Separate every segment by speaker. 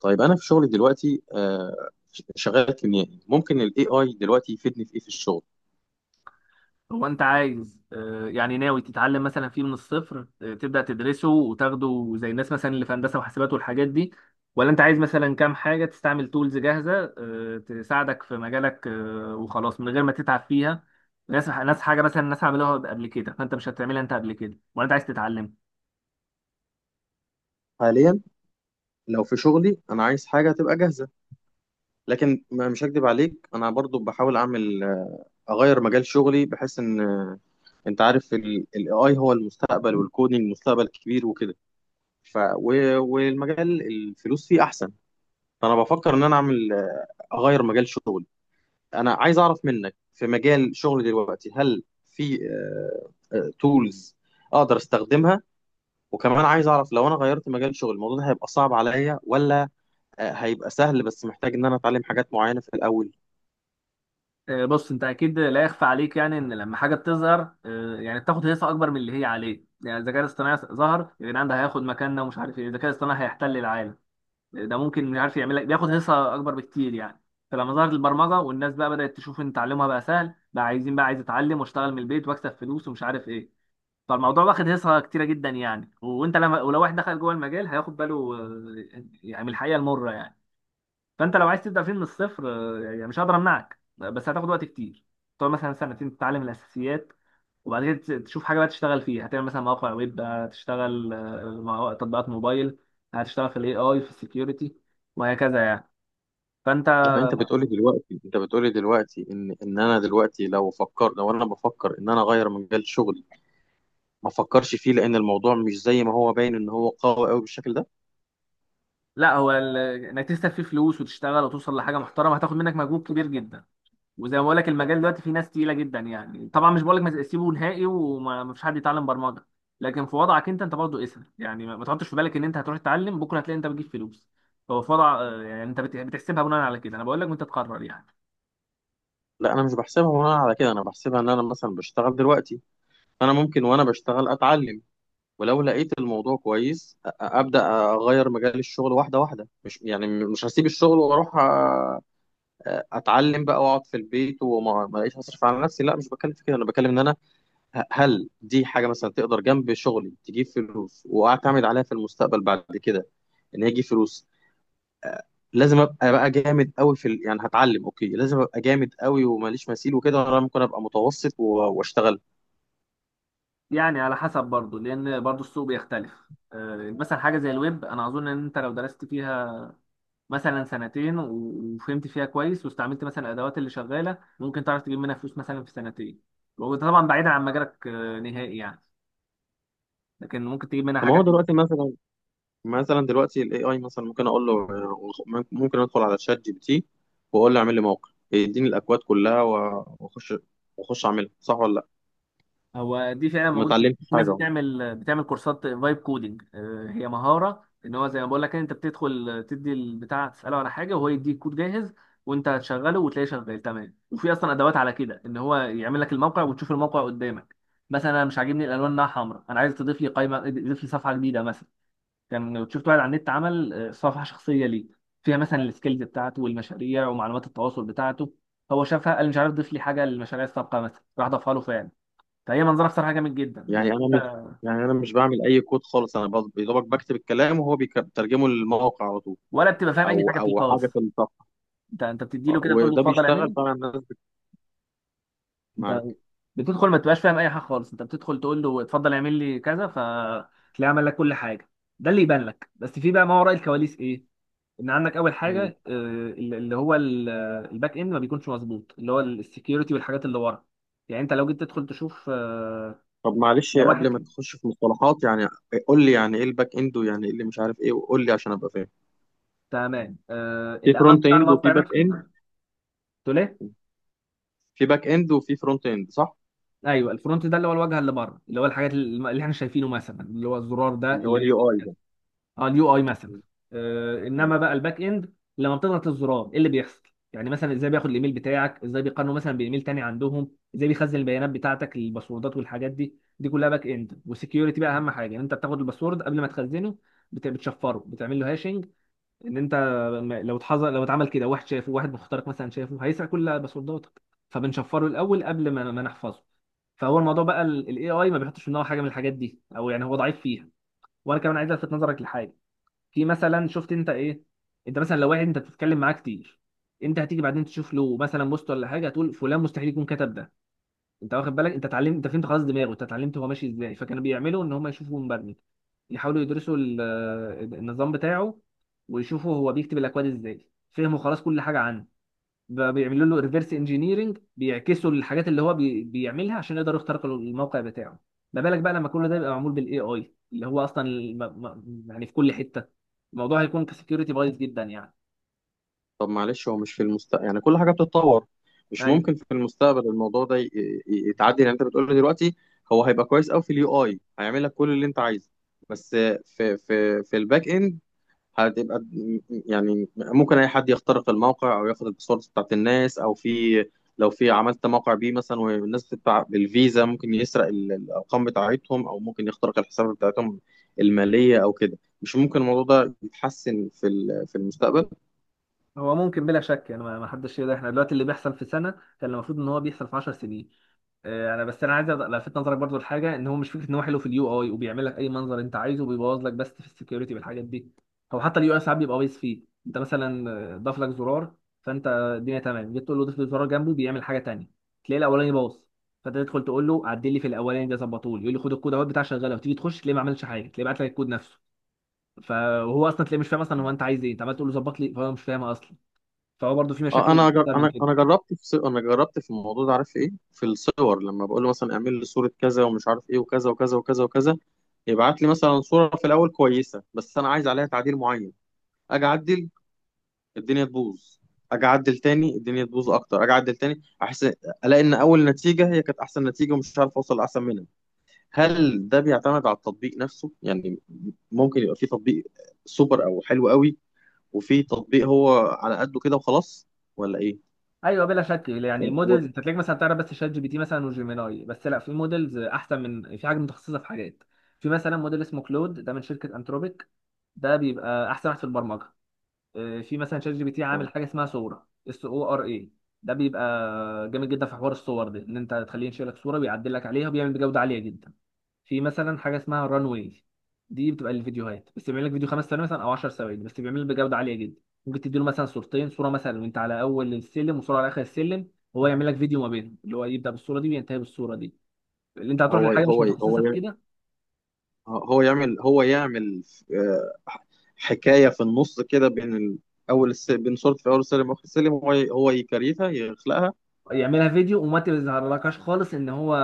Speaker 1: طيب، انا في شغلي دلوقتي شغال كيميائي. ممكن الـAI دلوقتي يفيدني في ايه في الشغل
Speaker 2: هو انت عايز يعني ناوي تتعلم مثلا فيه من الصفر، تبدأ تدرسه وتاخده زي الناس مثلا اللي في هندسة وحاسبات والحاجات دي. ولا انت عايز مثلا كام حاجة تستعمل تولز جاهزة تساعدك في مجالك وخلاص من غير ما تتعب فيها. ناس حاجة مثلا الناس عملوها قبل كده فانت مش هتعملها انت قبل كده، ولا انت عايز تتعلم؟
Speaker 1: حاليا؟ لو في شغلي انا عايز حاجه تبقى جاهزه، لكن مش هكدب عليك. انا برضو بحاول اعمل، اغير مجال شغلي بحيث ان انت عارف الـAI هو المستقبل، والكودينج مستقبل كبير وكده. والمجال الفلوس فيه احسن. فانا بفكر ان انا اعمل، اغير مجال شغلي. انا عايز اعرف منك، في مجال شغلي دلوقتي، هل في تولز اقدر استخدمها؟ وكمان عايز اعرف، لو انا غيرت مجال شغلي، الموضوع ده هيبقى صعب عليا، ولا هيبقى سهل بس محتاج ان انا اتعلم حاجات معينة في الاول؟
Speaker 2: بص، انت اكيد لا يخفى عليك يعني ان لما حاجة بتظهر يعني بتاخد هيصة اكبر من اللي هي عليه. يعني الذكاء الاصطناعي ظهر يبقى يعني ده هياخد مكاننا ومش عارف ايه، الذكاء الاصطناعي هيحتل العالم، ده ممكن مش عارف يعمل لك بياخد حصه اكبر بكتير يعني. فلما ظهرت البرمجه والناس بقى بدات تشوف ان تعلمها بقى سهل، بقى عايزين بقى عايز اتعلم واشتغل من البيت واكسب فلوس ومش عارف ايه. فالموضوع واخد حصه كتيره جدا يعني. وانت لما ولو واحد دخل جوه المجال هياخد باله يعني من الحقيقه المره يعني. فانت لو عايز تبدا فيه من الصفر يعني مش هقدر امنعك، بس هتاخد وقت كتير. تقعد مثلا سنتين تتعلم الاساسيات، وبعد كده تشوف حاجه بقى تشتغل فيها. هتعمل مثلا مواقع ويب، هتشتغل تطبيقات موبايل، هتشتغل في الاي اي، في السكيورتي، وهكذا يعني. فانت
Speaker 1: يعني انت بتقولي دلوقتي، ان ان انا دلوقتي لو فكر لو انا بفكر ان انا اغير مجال شغلي ما افكرش فيه، لان الموضوع مش زي ما هو باين ان هو قوي قوي بالشكل ده.
Speaker 2: لا هو ال- انك تكسب فيه فلوس وتشتغل وتوصل لحاجه محترمه هتاخد منك مجهود كبير جدا. وزي ما بقول لك المجال دلوقتي فيه ناس تقيله جدا يعني. طبعا مش بقول لك ما سيبه نهائي وما فيش حد يتعلم برمجه، لكن في وضعك انت، انت برضه اسهل يعني. ما تحطش في بالك ان انت هتروح تتعلم بكره هتلاقي انت بتجيب فلوس. هو في وضع يعني انت بتحسبها بناء على كده، انا بقول لك وانت تقرر يعني.
Speaker 1: لا، انا مش بحسبها وانا على كده. انا بحسبها ان انا مثلا بشتغل دلوقتي، انا ممكن وانا بشتغل اتعلم، ولو لقيت الموضوع كويس ابدا اغير مجال الشغل واحده واحده. مش يعني مش هسيب الشغل واروح اتعلم بقى واقعد في البيت، وما ما الاقيش هصرف على نفسي. لا، مش بتكلم في كده. انا بتكلم ان انا هل دي حاجه مثلا تقدر جنب شغلي تجيب فلوس، واعتمد عليها في المستقبل بعد كده، ان هي تجيب فلوس؟ لازم ابقى بقى جامد قوي في ال... يعني هتعلم، اوكي، لازم ابقى جامد قوي وماليش مثيل وكده، ولا ممكن ابقى متوسط واشتغل؟
Speaker 2: يعني على حسب برضه، لان برضه السوق بيختلف مثلا حاجه زي الويب انا اظن ان انت لو درست فيها مثلا سنتين وفهمت فيها كويس واستعملت مثلا الادوات اللي شغاله، ممكن تعرف تجيب منها فلوس مثلا في سنتين. وده طبعا بعيدا عن مجالك نهائي يعني، لكن ممكن تجيب منها
Speaker 1: فما هو
Speaker 2: حاجه.
Speaker 1: دلوقتي مثلا، مثلا دلوقتي الـAI مثلا ممكن اقول له، ممكن ادخل على ChatGPT واقول له اعمل لي موقع يديني الاكواد كلها، واخش اعملها صح ولا لا؟
Speaker 2: هو دي فعلا
Speaker 1: ما
Speaker 2: موجود.
Speaker 1: اتعلمتش
Speaker 2: في ناس
Speaker 1: حاجه أهو.
Speaker 2: بتعمل كورسات فايب كودنج. هي مهاره، ان هو زي ما بقول لك انت بتدخل تدي البتاع تساله على حاجه وهو يديك كود جاهز، وانت هتشغله وتلاقيه شغال تمام. وفي اصلا ادوات على كده ان هو يعمل لك الموقع وتشوف الموقع قدامك. مثلا انا مش عاجبني الالوان انها حمراء، انا عايز تضيف لي قائمه، تضيف لي صفحه جديده مثلا. كان شفت واحد على النت عمل صفحه شخصيه ليه، فيها مثلا السكيلز بتاعته والمشاريع ومعلومات التواصل بتاعته. هو شافها قال مش عارف، ضيف لي حاجه للمشاريع السابقه مثلا، راح ضافها له فعلا. فهي منظره بصراحه جامد جدا، بس
Speaker 1: يعني انا مش
Speaker 2: انت
Speaker 1: يعني انا مش بعمل اي كود خالص. انا يا دوبك بكتب الكلام وهو بيترجمه للموقع على طول،
Speaker 2: ولا بتبقى فاهم اي
Speaker 1: او
Speaker 2: حاجه فيه
Speaker 1: او حاجه في
Speaker 2: خالص.
Speaker 1: الصفحه.
Speaker 2: انت بتدي له كده تقول له
Speaker 1: وده
Speaker 2: اتفضل اعمل
Speaker 1: بيشتغل
Speaker 2: لي.
Speaker 1: فعلا؟ الناس
Speaker 2: انت
Speaker 1: معاك؟
Speaker 2: بتدخل ما تبقاش فاهم اي حاجه خالص، انت بتدخل تقول له اتفضل اعمل لي كذا، فتلاقيه عمل لك كل حاجه. ده اللي يبان لك، بس في بقى ما وراء الكواليس ايه. ان عندك اول
Speaker 1: مم.
Speaker 2: حاجه، آه، اللي هو ال- الباك اند ما بيكونش مظبوط، اللي هو السكيورتي والحاجات اللي ورا. يعني انت لو جيت تدخل تشوف
Speaker 1: طب معلش،
Speaker 2: لو
Speaker 1: قبل ما
Speaker 2: واحد،
Speaker 1: تخش في مصطلحات يعني، قول لي يعني ايه الباك اند، ويعني ايه اللي مش عارف ايه، وقول لي عشان ابقى فاهم.
Speaker 2: تمام.
Speaker 1: في
Speaker 2: الامان
Speaker 1: فرونت
Speaker 2: بتاع
Speaker 1: اند وفي
Speaker 2: الموقع
Speaker 1: باك
Speaker 2: نفسه.
Speaker 1: اند؟
Speaker 2: تقول ايه؟
Speaker 1: في باك اند وفي فرونت اند، صح؟
Speaker 2: ايوه، الفرونت ده اللي هو الواجهه اللي بره، اللي هو الحاجات اللي احنا شايفينه، مثلا اللي هو الزرار ده
Speaker 1: اللي هو
Speaker 2: اللي بيعمل
Speaker 1: الـUI
Speaker 2: كذا.
Speaker 1: ده.
Speaker 2: اه، اليو اي مثلا.
Speaker 1: مم.
Speaker 2: آه،
Speaker 1: مم.
Speaker 2: انما بقى الباك اند، لما بتضغط الزرار ايه اللي بيحصل؟ يعني مثلا ازاي بياخد الايميل بتاعك، ازاي بيقارنه مثلا بايميل تاني عندهم، ازاي بيخزن البيانات بتاعتك الباسوردات والحاجات دي كلها باك اند. والسكيورتي بقى اهم حاجه يعني، انت بتاخد الباسورد قبل ما تخزنه بتشفره، بتعمل له هاشنج. ان انت لو اتحظر، لو اتعمل كده واحد شافه، واحد مخترق مثلا شافه، هيسرق كل باسورداتك، فبنشفره الاول قبل ما نحفظه. فهو الموضوع بقى الاي اي ما بيحطش في دماغه حاجه من الحاجات دي، او يعني هو ضعيف فيها. وانا كمان عايز الفت نظرك لحاجه. في مثلا شفت انت ايه، انت مثلا لو واحد انت بتتكلم معاه كتير، انت هتيجي بعدين تشوف له مثلا بوست ولا حاجه، هتقول فلان مستحيل يكون كتب ده. انت واخد بالك؟ انت اتعلمت، انت فهمت خلاص دماغه، انت اتعلمت هو ماشي ازاي. فكانوا بيعملوا ان هم يشوفوا مبرمج، يحاولوا يدرسوا النظام بتاعه، ويشوفوا هو بيكتب الاكواد ازاي، فهموا خلاص كل حاجه عنه، بقى بيعملوا له ريفرس انجينيرنج، بيعكسوا الحاجات اللي هو بيعملها عشان يقدروا يخترقوا الموقع بتاعه. ما بالك بقى لما كل ده يبقى معمول بالاي اي اللي هو اصلا يعني في كل حته، الموضوع هيكون كسكيورتي بايظ جدا يعني.
Speaker 1: طب معلش، هو مش في المستقبل يعني كل حاجه بتتطور، مش
Speaker 2: ايوه،
Speaker 1: ممكن في المستقبل الموضوع ده يتعدل؟ يعني انت بتقول لي دلوقتي هو هيبقى كويس قوي في الـUI، هيعمل لك كل اللي انت عايزه، بس في في في الباك اند هتبقى، يعني ممكن اي حد يخترق الموقع او ياخد الباسوردز بتاعت الناس، او في، لو في عملت موقع بيه مثلا والناس تدفع بالفيزا، ممكن يسرق الارقام بتاعتهم، او ممكن يخترق الحسابات بتاعتهم الماليه او كده؟ مش ممكن الموضوع ده يتحسن في في المستقبل؟
Speaker 2: هو ممكن بلا شك يعني. ما حدش يقدر، احنا دلوقتي اللي بيحصل في سنه كان المفروض ان هو بيحصل في 10 سنين. انا بس عايز الفت نظرك برضو لحاجه. ان هو مش فكره ان هو حلو في اليو اي وبيعمل لك اي منظر انت عايزه وبيبوظ لك بس في السكيورتي بالحاجات دي. هو حتى اليو اي ساعات بيبقى بايظ فيه. انت مثلا ضاف لك زرار، فانت الدنيا تمام، جيت تقول له ضيف لي زرار جنبه بيعمل حاجه تانيه، تلاقي الاولاني باظ. فانت تدخل تقول له عدل لي في الاولاني ده، ظبطه لي، يقول لي خد الكود اهوت بتاع شغاله، وتيجي تخش تلاقيه ما عملش حاجه، تلاقيه بعت لك الكود نفسه. فهو اصلا تلاقيه مش فاهم اصلا هو انت عايز ايه، انت عمال تقول له ظبط لي فهو مش فاهم اصلا. فهو برضو في
Speaker 1: اه،
Speaker 2: مشاكل
Speaker 1: انا جر-
Speaker 2: اكتر من
Speaker 1: انا
Speaker 2: كده.
Speaker 1: انا جربت في ص- انا جربت في الموضوع ده. عارف ايه؟ في الصور، لما بقول له مثلا اعمل لي صوره كذا ومش عارف ايه وكذا وكذا وكذا وكذا، يبعت لي مثلا صوره في الاول كويسه، بس انا عايز عليها تعديل معين. اجي اعدل الدنيا تبوظ، اجي اعدل تاني الدنيا تبوظ اكتر، اجي اعدل تاني احس، الاقي ان اول نتيجه هي كانت احسن نتيجه، ومش عارف اوصل لاحسن منها. هل ده بيعتمد على التطبيق نفسه يعني؟ ممكن يبقى في تطبيق سوبر او حلو قوي، وفي تطبيق هو على قده كده وخلاص، ولا ايه؟
Speaker 2: ايوه بلا شك يعني.
Speaker 1: هو
Speaker 2: المودلز انت تلاقيك مثلا تعرف بس شات جي بي تي مثلا وجيميناي بس، لا في مودلز احسن، من في حاجه متخصصه في حاجات. في مثلا موديل اسمه كلود، ده من شركه انتروبيك، ده بيبقى احسن واحد في البرمجه. في مثلا شات جي بي تي عامل حاجه اسمها صوره اس او ار اي، ده بيبقى جامد جدا في حوار الصور ده، ان انت تخليه ينشئ لك صوره ويعدل لك عليها، وبيعمل بجوده عاليه جدا. في مثلا حاجه اسمها ران واي، دي بتبقى للفيديوهات، بس بيعمل لك فيديو 5 ثواني مثلا او 10 ثواني، بس بيعمل بجوده عاليه جدا. ممكن تديله مثلا صورتين، صوره مثلا وانت على اول السلم وصوره على اخر السلم، وهو يعمل لك فيديو ما بينهم، اللي هو يبدا بالصوره دي وينتهي بالصوره دي. اللي انت هتروح
Speaker 1: هو
Speaker 2: لحاجه مش
Speaker 1: هو هو
Speaker 2: متخصصه في
Speaker 1: يع-
Speaker 2: كده،
Speaker 1: هو يعمل آه، حكايه في النص كده، بين صورة في اول السلم واخر السلم، هو هو يكريتها، يخلقها.
Speaker 2: يعملها فيديو وما تظهرلكش خالص ان هو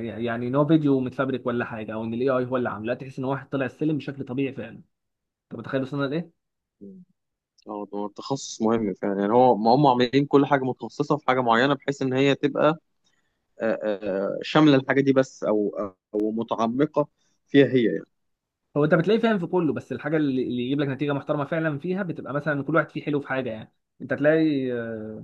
Speaker 2: يعني ان هو فيديو متفبرك ولا حاجه، او ان الاي اي هو اللي عامله. لا، تحس ان واحد طلع السلم بشكل طبيعي فعلا. انت متخيل وصلنا لايه؟
Speaker 1: اه، ده تخصص مهم فعلا. يعني هو ما هم عاملين كل حاجه متخصصه في حاجه معينه بحيث ان هي تبقى شامله الحاجه دي بس، او او متعمقه فيها هي يعني.
Speaker 2: هو انت بتلاقيه فاهم في كله، بس الحاجه اللي يجيب لك نتيجه محترمه فعلا فيها بتبقى مثلا، كل واحد فيه حلو في حاجه يعني. انت تلاقي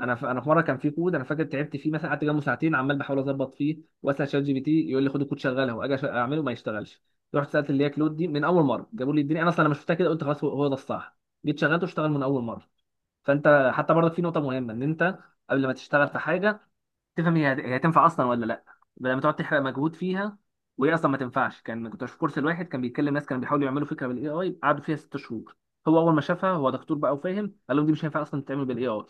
Speaker 2: انا في مره كان في كود انا فاكر تعبت فيه. مثلا قعدت جنبه ساعتين عمال بحاول اظبط فيه واسال شات جي بي تي، يقول لي خد الكود شغله، واجي اعمله ما يشتغلش. رحت سالت اللي هي كلود دي، من اول مره جابوا لي الدنيا، انا اصلا لما شفتها كده قلت خلاص هو هو ده الصح، جيت شغلته اشتغل من اول مره. فانت حتى برضك في نقطه مهمه، ان انت قبل ما تشتغل في حاجه تفهم هي هي هتنفع اصلا ولا لا، لما تقعد تحرق مجهود فيها وهي اصلا ما تنفعش. كان كنت في كورس، الواحد كان بيتكلم، ناس كانوا بيحاولوا يعملوا فكره بالاي اي قعدوا فيها 6 شهور، هو اول ما شافها هو دكتور بقى وفاهم، قال لهم دي مش هينفع اصلا تتعمل بالاي اي.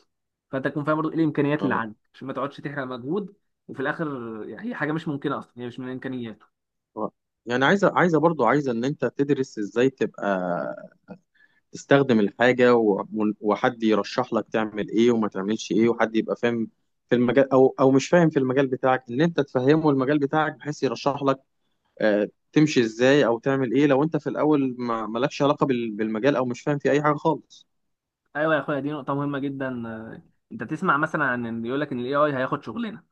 Speaker 2: فانت تكون فاهم برضه ايه الامكانيات اللي
Speaker 1: اه
Speaker 2: عندك عشان ما تقعدش تحرق مجهود وفي الاخر يعني هي حاجه مش ممكنه اصلا، هي مش من امكانياته.
Speaker 1: آه. يعني عايزه عايزه برضو عايزه ان انت تدرس ازاي تبقى تستخدم الحاجه، وحد يرشح لك تعمل ايه وما تعملش ايه، وحد يبقى فاهم في المجال او او مش فاهم في المجال بتاعك، ان انت تفهمه المجال بتاعك بحيث يرشح لك تمشي ازاي او تعمل ايه، لو انت في الاول ما مالكش علاقه بالمجال، او مش فاهم في اي حاجه خالص.
Speaker 2: ايوه يا اخويا، دي نقطه مهمه جدا. انت تسمع مثلا عن إن يقول لك ان الاي اي هياخد شغلنا.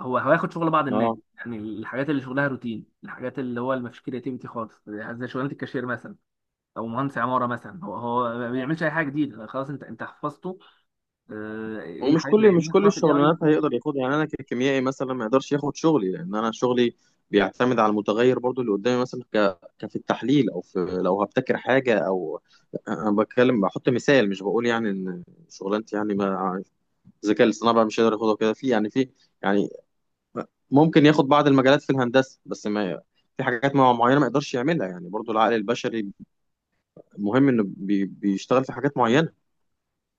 Speaker 2: هو هياخد شغل بعض الناس،
Speaker 1: اه.
Speaker 2: يعني الحاجات اللي شغلها روتين، الحاجات اللي هو اللي ما فيش كرياتيفيتي خالص، زي شغلانه الكاشير مثلا، او مهندس عماره مثلا، هو هو ما بيعملش اي حاجه جديده خلاص، انت انت حفظته. ايه
Speaker 1: ومش
Speaker 2: الحاجات اللي
Speaker 1: كل مش
Speaker 2: هيعملها،
Speaker 1: كل
Speaker 2: خلاص الاي اي
Speaker 1: الشغلانات
Speaker 2: ممكن يعملها.
Speaker 1: هيقدر ياخدها. يعني انا ككيميائي مثلا ما يقدرش ياخد شغلي، لان انا شغلي بيعتمد على المتغير برضو اللي قدامي مثلا، كفي التحليل، او في لو هبتكر حاجه، او انا بتكلم بحط مثال، مش بقول يعني ان شغلانتي يعني ما الذكاء الاصطناعي بقى مش هيقدر ياخدها كده في، يعني في، يعني ممكن ياخد بعض المجالات في الهندسه، بس ما في حاجات معينه ما يقدرش يعملها، يعني برضو العقل البشري المهم انه بيشتغل في حاجات معينه.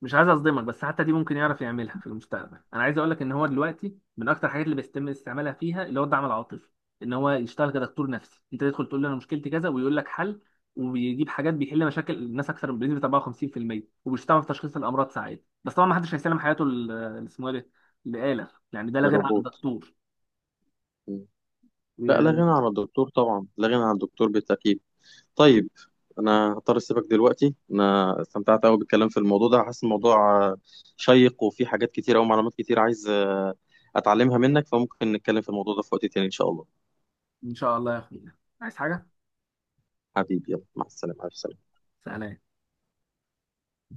Speaker 2: مش عايز اصدمك، بس حتى دي ممكن يعرف يعملها في المستقبل. انا عايز اقول لك ان هو دلوقتي من اكتر الحاجات اللي بيتم استعمالها فيها اللي هو الدعم العاطفي، ان هو يشتغل كدكتور نفسي. انت تدخل تقول له انا مشكلتي كذا ويقول لك حل، وبيجيب حاجات بيحل مشاكل الناس اكثر من بنسبه 54%، وبيشتغل في تشخيص الامراض ساعات. بس طبعا ما حدش هيسلم حياته اللي اسمه ايه، ده لآلة يعني، ده لا غير عن
Speaker 1: للروبوت.
Speaker 2: الدكتور.
Speaker 1: مم. لا، لا
Speaker 2: آه،
Speaker 1: غنى عن الدكتور، طبعا لا غنى عن الدكتور بالتاكيد. طيب، انا هضطر اسيبك دلوقتي. انا استمتعت قوي بالكلام في الموضوع ده، حاسس الموضوع شيق وفي حاجات كتير او معلومات كتير عايز اتعلمها منك، فممكن نتكلم في الموضوع ده في وقت تاني ان شاء الله.
Speaker 2: ان شاء الله يا اخويا، عايز حاجه؟
Speaker 1: حبيبي، يلا، مع السلامه، ألف سلامة.
Speaker 2: سلام.